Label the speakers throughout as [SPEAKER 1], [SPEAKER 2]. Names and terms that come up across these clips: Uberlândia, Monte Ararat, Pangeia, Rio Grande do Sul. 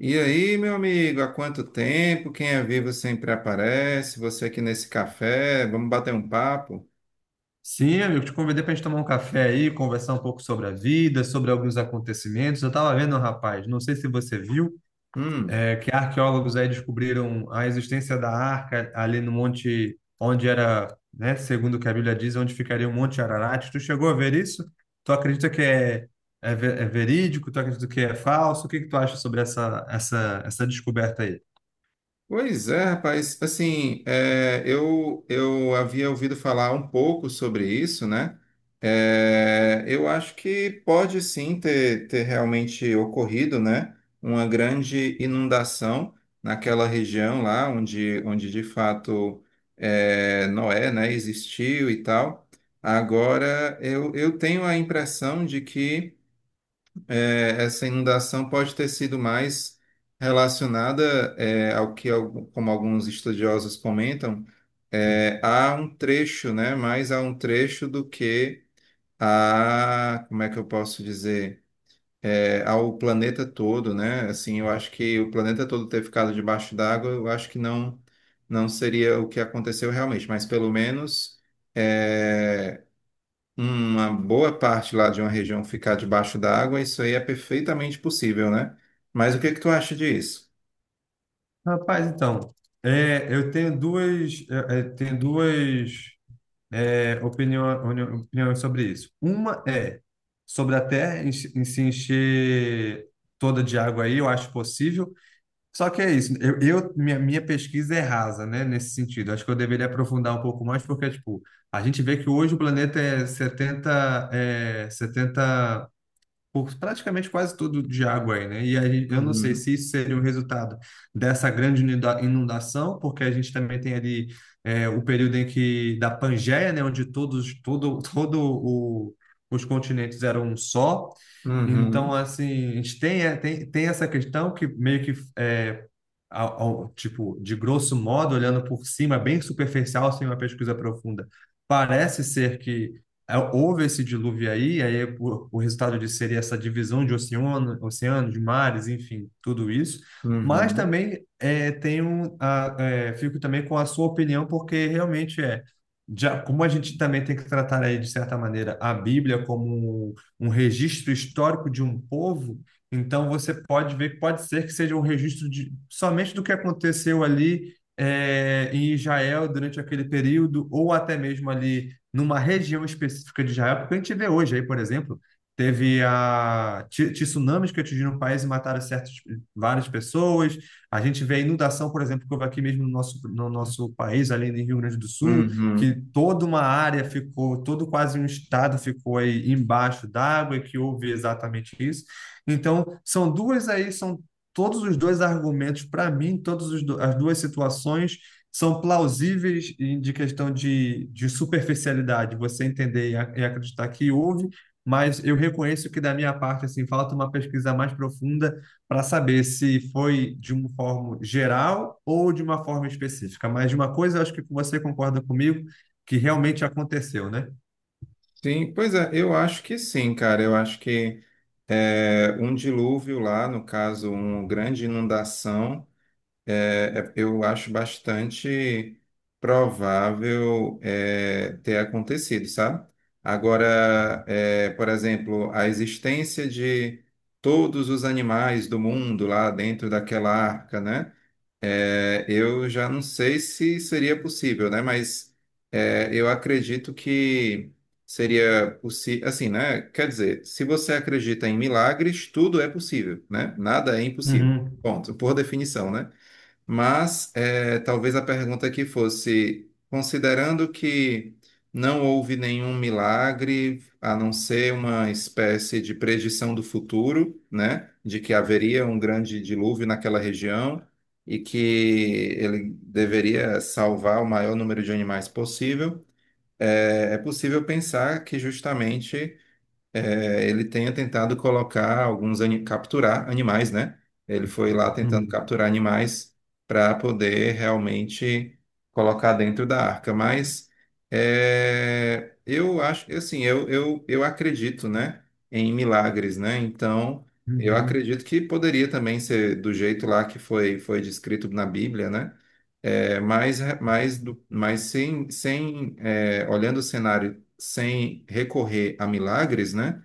[SPEAKER 1] E aí, meu amigo, há quanto tempo? Quem é vivo sempre aparece. Você aqui nesse café, vamos bater um papo?
[SPEAKER 2] Sim, eu te convidei para a gente tomar um café aí, conversar um pouco sobre a vida, sobre alguns acontecimentos. Eu estava vendo, rapaz, não sei se você viu,
[SPEAKER 1] Hum.
[SPEAKER 2] que arqueólogos aí descobriram a existência da arca ali no monte onde era, né, segundo o que a Bíblia diz, onde ficaria o Monte Ararat. Tu chegou a ver isso? Tu acredita que é verídico? Tu acredita que é falso? O que que tu acha sobre essa descoberta aí?
[SPEAKER 1] Pois é, rapaz. Assim, eu havia ouvido falar um pouco sobre isso, né? É, eu acho que pode sim ter realmente ocorrido, né? Uma grande inundação naquela região lá, onde de fato é, Noé, né, existiu e tal. Agora, eu tenho a impressão de que. É, essa inundação pode ter sido mais relacionada, como alguns estudiosos comentam, é, a um trecho, né? Mais a um trecho do que a, como é que eu posso dizer, É, ao planeta todo, né? Assim, eu acho que o planeta todo ter ficado debaixo d'água, eu acho que não, não seria o que aconteceu realmente, mas pelo menos é, uma boa parte lá de uma região ficar debaixo d'água, isso aí é perfeitamente possível, né? Mas o que que tu acha disso?
[SPEAKER 2] Rapaz, então, eu tenho duas, tenho duas opiniões sobre isso. Uma é sobre a Terra se se encher toda de água aí, eu acho possível. Só que é isso, minha pesquisa é rasa, né, nesse sentido. Acho que eu deveria aprofundar um pouco mais, porque, tipo, a gente vê que hoje o planeta é 70 setenta por praticamente quase tudo de água aí, né? E a gente, eu não sei
[SPEAKER 1] Uhum,
[SPEAKER 2] se isso seria o resultado dessa grande inundação, porque a gente também tem ali o período em que da Pangeia, né, onde todo os continentes eram um só. Então,
[SPEAKER 1] uhum,
[SPEAKER 2] assim, a gente tem, tem essa questão que meio que é, tipo, de grosso modo, olhando por cima, bem superficial, sem uma pesquisa profunda, parece ser que houve esse dilúvio aí, o resultado disso seria essa divisão de oceano, de mares, enfim, tudo isso. Mas
[SPEAKER 1] uhum,
[SPEAKER 2] também fico também com a sua opinião, porque realmente já, como a gente também tem que tratar aí, de certa maneira, a Bíblia como um, um registro histórico de um povo, então você pode ver que pode ser que seja um registro de, somente do que aconteceu ali em Israel durante aquele período, ou até mesmo ali numa região específica de Israel, porque a gente vê hoje aí, por exemplo, teve tsunamis que atingiram o país e mataram certas várias pessoas. A gente vê a inundação, por exemplo, que houve aqui mesmo no nosso país, ali no Rio Grande do Sul, que
[SPEAKER 1] uhum.
[SPEAKER 2] toda uma área ficou, todo quase um estado ficou aí embaixo d'água e que houve exatamente isso. Então, são duas aí, são todos os dois argumentos para mim, todas as duas situações são plausíveis de questão de superficialidade, você entender e e acreditar que houve, mas eu reconheço que da minha parte, assim, falta uma pesquisa mais profunda para saber se foi de uma forma geral ou de uma forma específica. Mas de uma coisa, eu acho que você concorda comigo, que realmente aconteceu, né?
[SPEAKER 1] Sim, pois é, eu acho que sim, cara. Eu acho que é, um dilúvio lá, no caso, uma grande inundação. É, é, eu acho bastante provável é, ter acontecido, sabe? Agora, é, por exemplo, a existência de todos os animais do mundo lá dentro daquela arca, né? É, eu já não sei se seria possível, né? Mas é, eu acredito que seria possível, assim, né? Quer dizer, se você acredita em milagres, tudo é possível, né? Nada é impossível.
[SPEAKER 2] Uhum,
[SPEAKER 1] Ponto, por definição, né? Mas talvez a pergunta aqui fosse, considerando que não houve nenhum milagre, a não ser uma espécie de predição do futuro, né, de que haveria um grande dilúvio naquela região e que ele deveria salvar o maior número de animais possível. Eh, é possível pensar que justamente é, ele tenha tentado colocar capturar animais, né? Ele foi lá tentando
[SPEAKER 2] uhum,
[SPEAKER 1] capturar animais para poder realmente colocar dentro da arca. Mas é, eu acho, assim, eu acredito, né, em milagres, né? Então, eu
[SPEAKER 2] uhum,
[SPEAKER 1] acredito que poderia também ser do jeito lá que foi descrito na Bíblia, né? É, mas sem, sem é, olhando o cenário sem recorrer a milagres, né?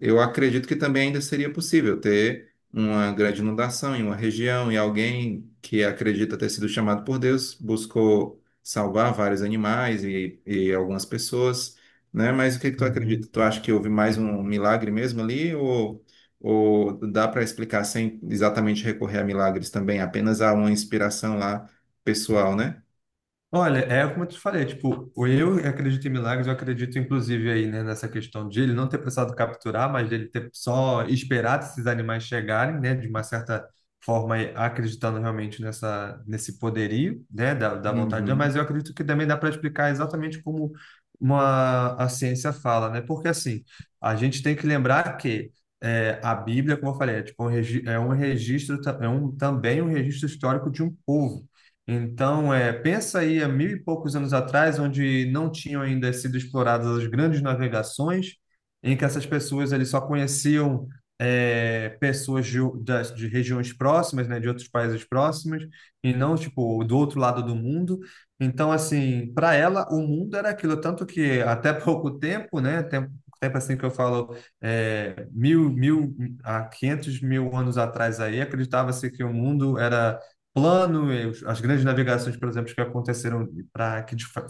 [SPEAKER 1] Eu acredito que também ainda seria possível ter uma grande inundação em uma região e alguém que acredita ter sido chamado por Deus buscou salvar vários animais e algumas pessoas, né? Mas o que que tu
[SPEAKER 2] uhum.
[SPEAKER 1] acredita? Tu acha que houve mais um milagre mesmo ali ou dá para explicar sem exatamente recorrer a milagres também, apenas a uma inspiração lá pessoal, né?
[SPEAKER 2] Olha, é como eu te falei, tipo, o eu acredito em milagres, eu acredito inclusive aí, né, nessa questão de ele não ter precisado capturar, mas dele ter só esperado esses animais chegarem, né, de uma certa forma acreditando realmente nesse poderio, né, da vontade de Deus,
[SPEAKER 1] Uhum.
[SPEAKER 2] mas eu acredito que também dá para explicar exatamente como uma, a ciência fala, né, porque assim, a gente tem que lembrar que a Bíblia, como eu falei, é, tipo um, é um registro, é um, também um registro histórico de um povo, então, pensa aí há mil e poucos anos atrás, onde não tinham ainda sido exploradas as grandes navegações, em que essas pessoas ali só conheciam pessoas de, de regiões próximas, né, de outros países próximos, e não tipo do outro lado do mundo. Então, assim, para ela, o mundo era aquilo, tanto que até pouco tempo, né, tempo assim que eu falo, é, mil, mil, a 500 mil anos atrás aí, acreditava-se que o mundo era plano, e as grandes navegações, por exemplo, que aconteceram para que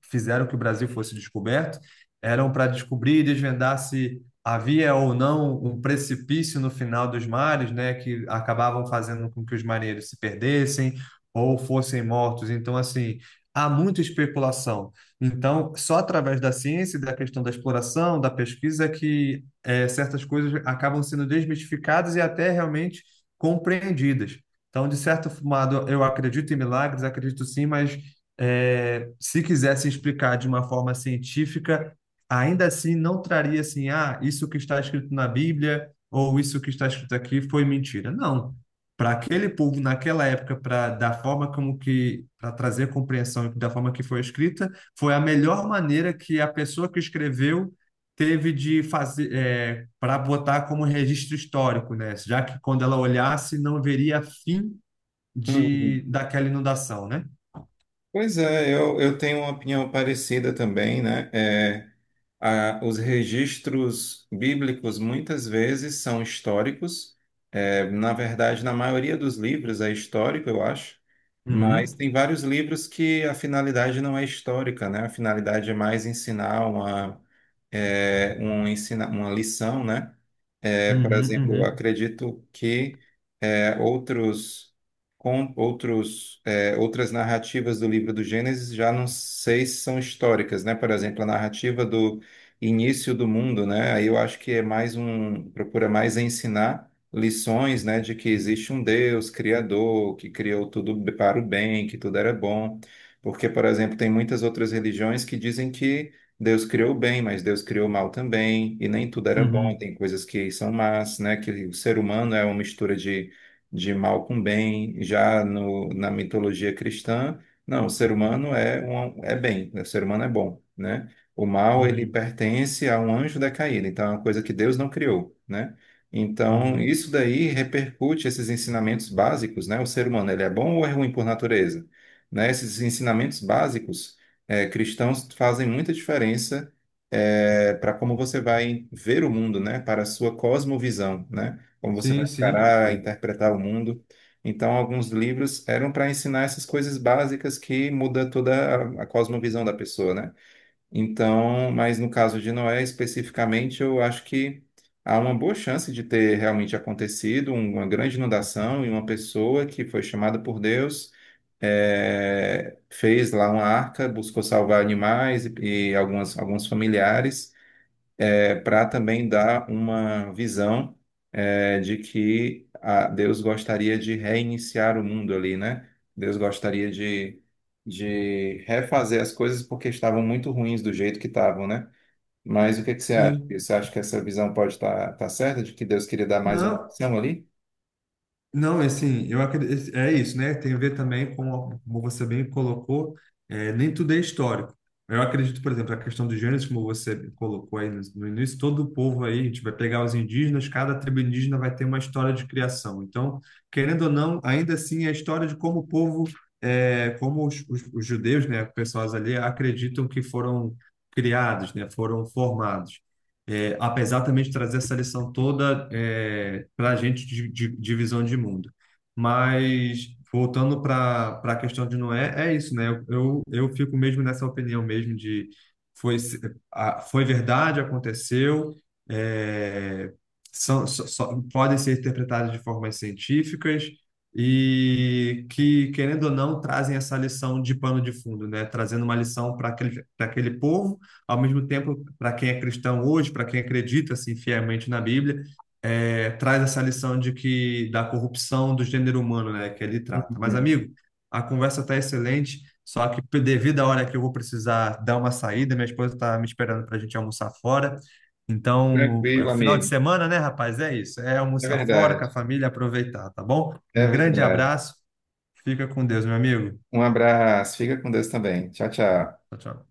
[SPEAKER 2] fizeram que o Brasil fosse descoberto eram para descobrir e desvendar se havia ou não um precipício no final dos mares, né, que acabavam fazendo com que os marinheiros se perdessem ou fossem mortos. Então, assim, há muita especulação. Então, só através da ciência e da questão da exploração, da pesquisa, que certas coisas acabam sendo desmistificadas e até realmente compreendidas. Então, de certo modo, eu acredito em milagres, acredito sim, mas se quisesse explicar de uma forma científica, ainda assim não traria assim, ah, isso que está escrito na Bíblia ou isso que está escrito aqui foi mentira. Não. Para aquele povo naquela época, para da forma como que para trazer compreensão da forma que foi escrita, foi a melhor maneira que a pessoa que escreveu teve de fazer para botar como registro histórico, né? Já que quando ela olhasse não veria fim de daquela inundação, né?
[SPEAKER 1] Pois é, eu tenho uma opinião parecida também, né? É, a- os registros bíblicos muitas vezes são históricos. É, na verdade, na maioria dos livros é histórico, eu acho. Mas
[SPEAKER 2] Uhum.
[SPEAKER 1] tem vários livros que a finalidade não é histórica, né? A finalidade é mais ensinar uma, uma lição, né? É, por
[SPEAKER 2] Uhum,
[SPEAKER 1] exemplo, eu
[SPEAKER 2] uhum,
[SPEAKER 1] acredito que é, outros, com, outros, é, outras narrativas do livro do Gênesis já não sei se são históricas, né? Por exemplo, a narrativa do início do mundo, né? Aí eu acho que é mais um, procura mais ensinar lições, né, de que existe um Deus criador, que criou tudo para o bem, que tudo era bom. Porque, por exemplo, tem muitas outras religiões que dizem que Deus criou o bem, mas Deus criou o mal também, e nem tudo era bom,
[SPEAKER 2] uhum,
[SPEAKER 1] tem coisas que são más, né? Que o ser humano é uma mistura de mal com bem. Já na mitologia cristã, não, o ser humano é, um, é bem, né, o ser humano é bom, né? O mal, ele
[SPEAKER 2] uhum,
[SPEAKER 1] pertence a um anjo decaído, então é uma coisa que Deus não criou, né? Então,
[SPEAKER 2] uhum.
[SPEAKER 1] isso daí repercute esses ensinamentos básicos, né? O ser humano, ele é bom ou é ruim por natureza? Né? Esses ensinamentos básicos é, cristãos fazem muita diferença para como você vai ver o mundo, né? Para a sua cosmovisão, né? Como você vai
[SPEAKER 2] Sim, sim,
[SPEAKER 1] encarar, interpretar o mundo. Então, alguns livros eram para ensinar essas coisas básicas que muda toda a cosmovisão da pessoa, né? Então, mas no caso de Noé especificamente, eu acho que há uma boa chance de ter realmente acontecido uma grande inundação e uma pessoa que foi chamada por Deus é, fez lá uma arca, buscou salvar animais e alguns familiares, para também dar uma visão é, de que a- Deus gostaria de reiniciar o mundo ali, né? Deus gostaria de refazer as coisas porque estavam muito ruins do jeito que estavam, né? Mas o que que você acha?
[SPEAKER 2] sim.
[SPEAKER 1] Você acha que essa visão pode estar certa, de que Deus queria dar mais uma
[SPEAKER 2] Não,
[SPEAKER 1] missão ali?
[SPEAKER 2] Não, e assim, eu acredito, é isso, né? Tem a ver também com, como você bem colocou, nem tudo é histórico. Eu acredito, por exemplo, a questão dos gêneros, como você colocou aí no início, todo o povo aí, a gente vai pegar os indígenas, cada tribo indígena vai ter uma história de criação. Então, querendo ou não, ainda assim, é a história de como o povo, é, como os judeus, né, pessoas ali, acreditam que foram criados, né, foram formados apesar também de trazer essa lição toda para a gente de visão de mundo. Mas voltando para a questão de Noé, é isso, né? Eu fico mesmo nessa opinião mesmo de foi, se- a- foi verdade, aconteceu, é, podem ser interpretadas de formas científicas e que, querendo ou não, trazem essa lição de pano de fundo, né? Trazendo uma lição para para aquele povo ao mesmo tempo, para quem é cristão hoje, para quem acredita assim fielmente na Bíblia, traz essa lição de que da corrupção do gênero humano, né, que ele trata. Mas
[SPEAKER 1] Uhum.
[SPEAKER 2] amigo, a conversa está excelente, só que devido à hora que eu vou precisar dar uma saída, minha esposa está me esperando para a gente almoçar fora. Então, é
[SPEAKER 1] Tranquilo,
[SPEAKER 2] final de
[SPEAKER 1] amigo.
[SPEAKER 2] semana, né, rapaz? É isso. É
[SPEAKER 1] É
[SPEAKER 2] almoçar fora com
[SPEAKER 1] verdade,
[SPEAKER 2] a família, aproveitar, tá bom?
[SPEAKER 1] é
[SPEAKER 2] Um grande
[SPEAKER 1] verdade.
[SPEAKER 2] abraço. Fica com Deus, meu amigo.
[SPEAKER 1] Um abraço, fica com Deus também. Tchau, tchau.
[SPEAKER 2] Tchau, tchau.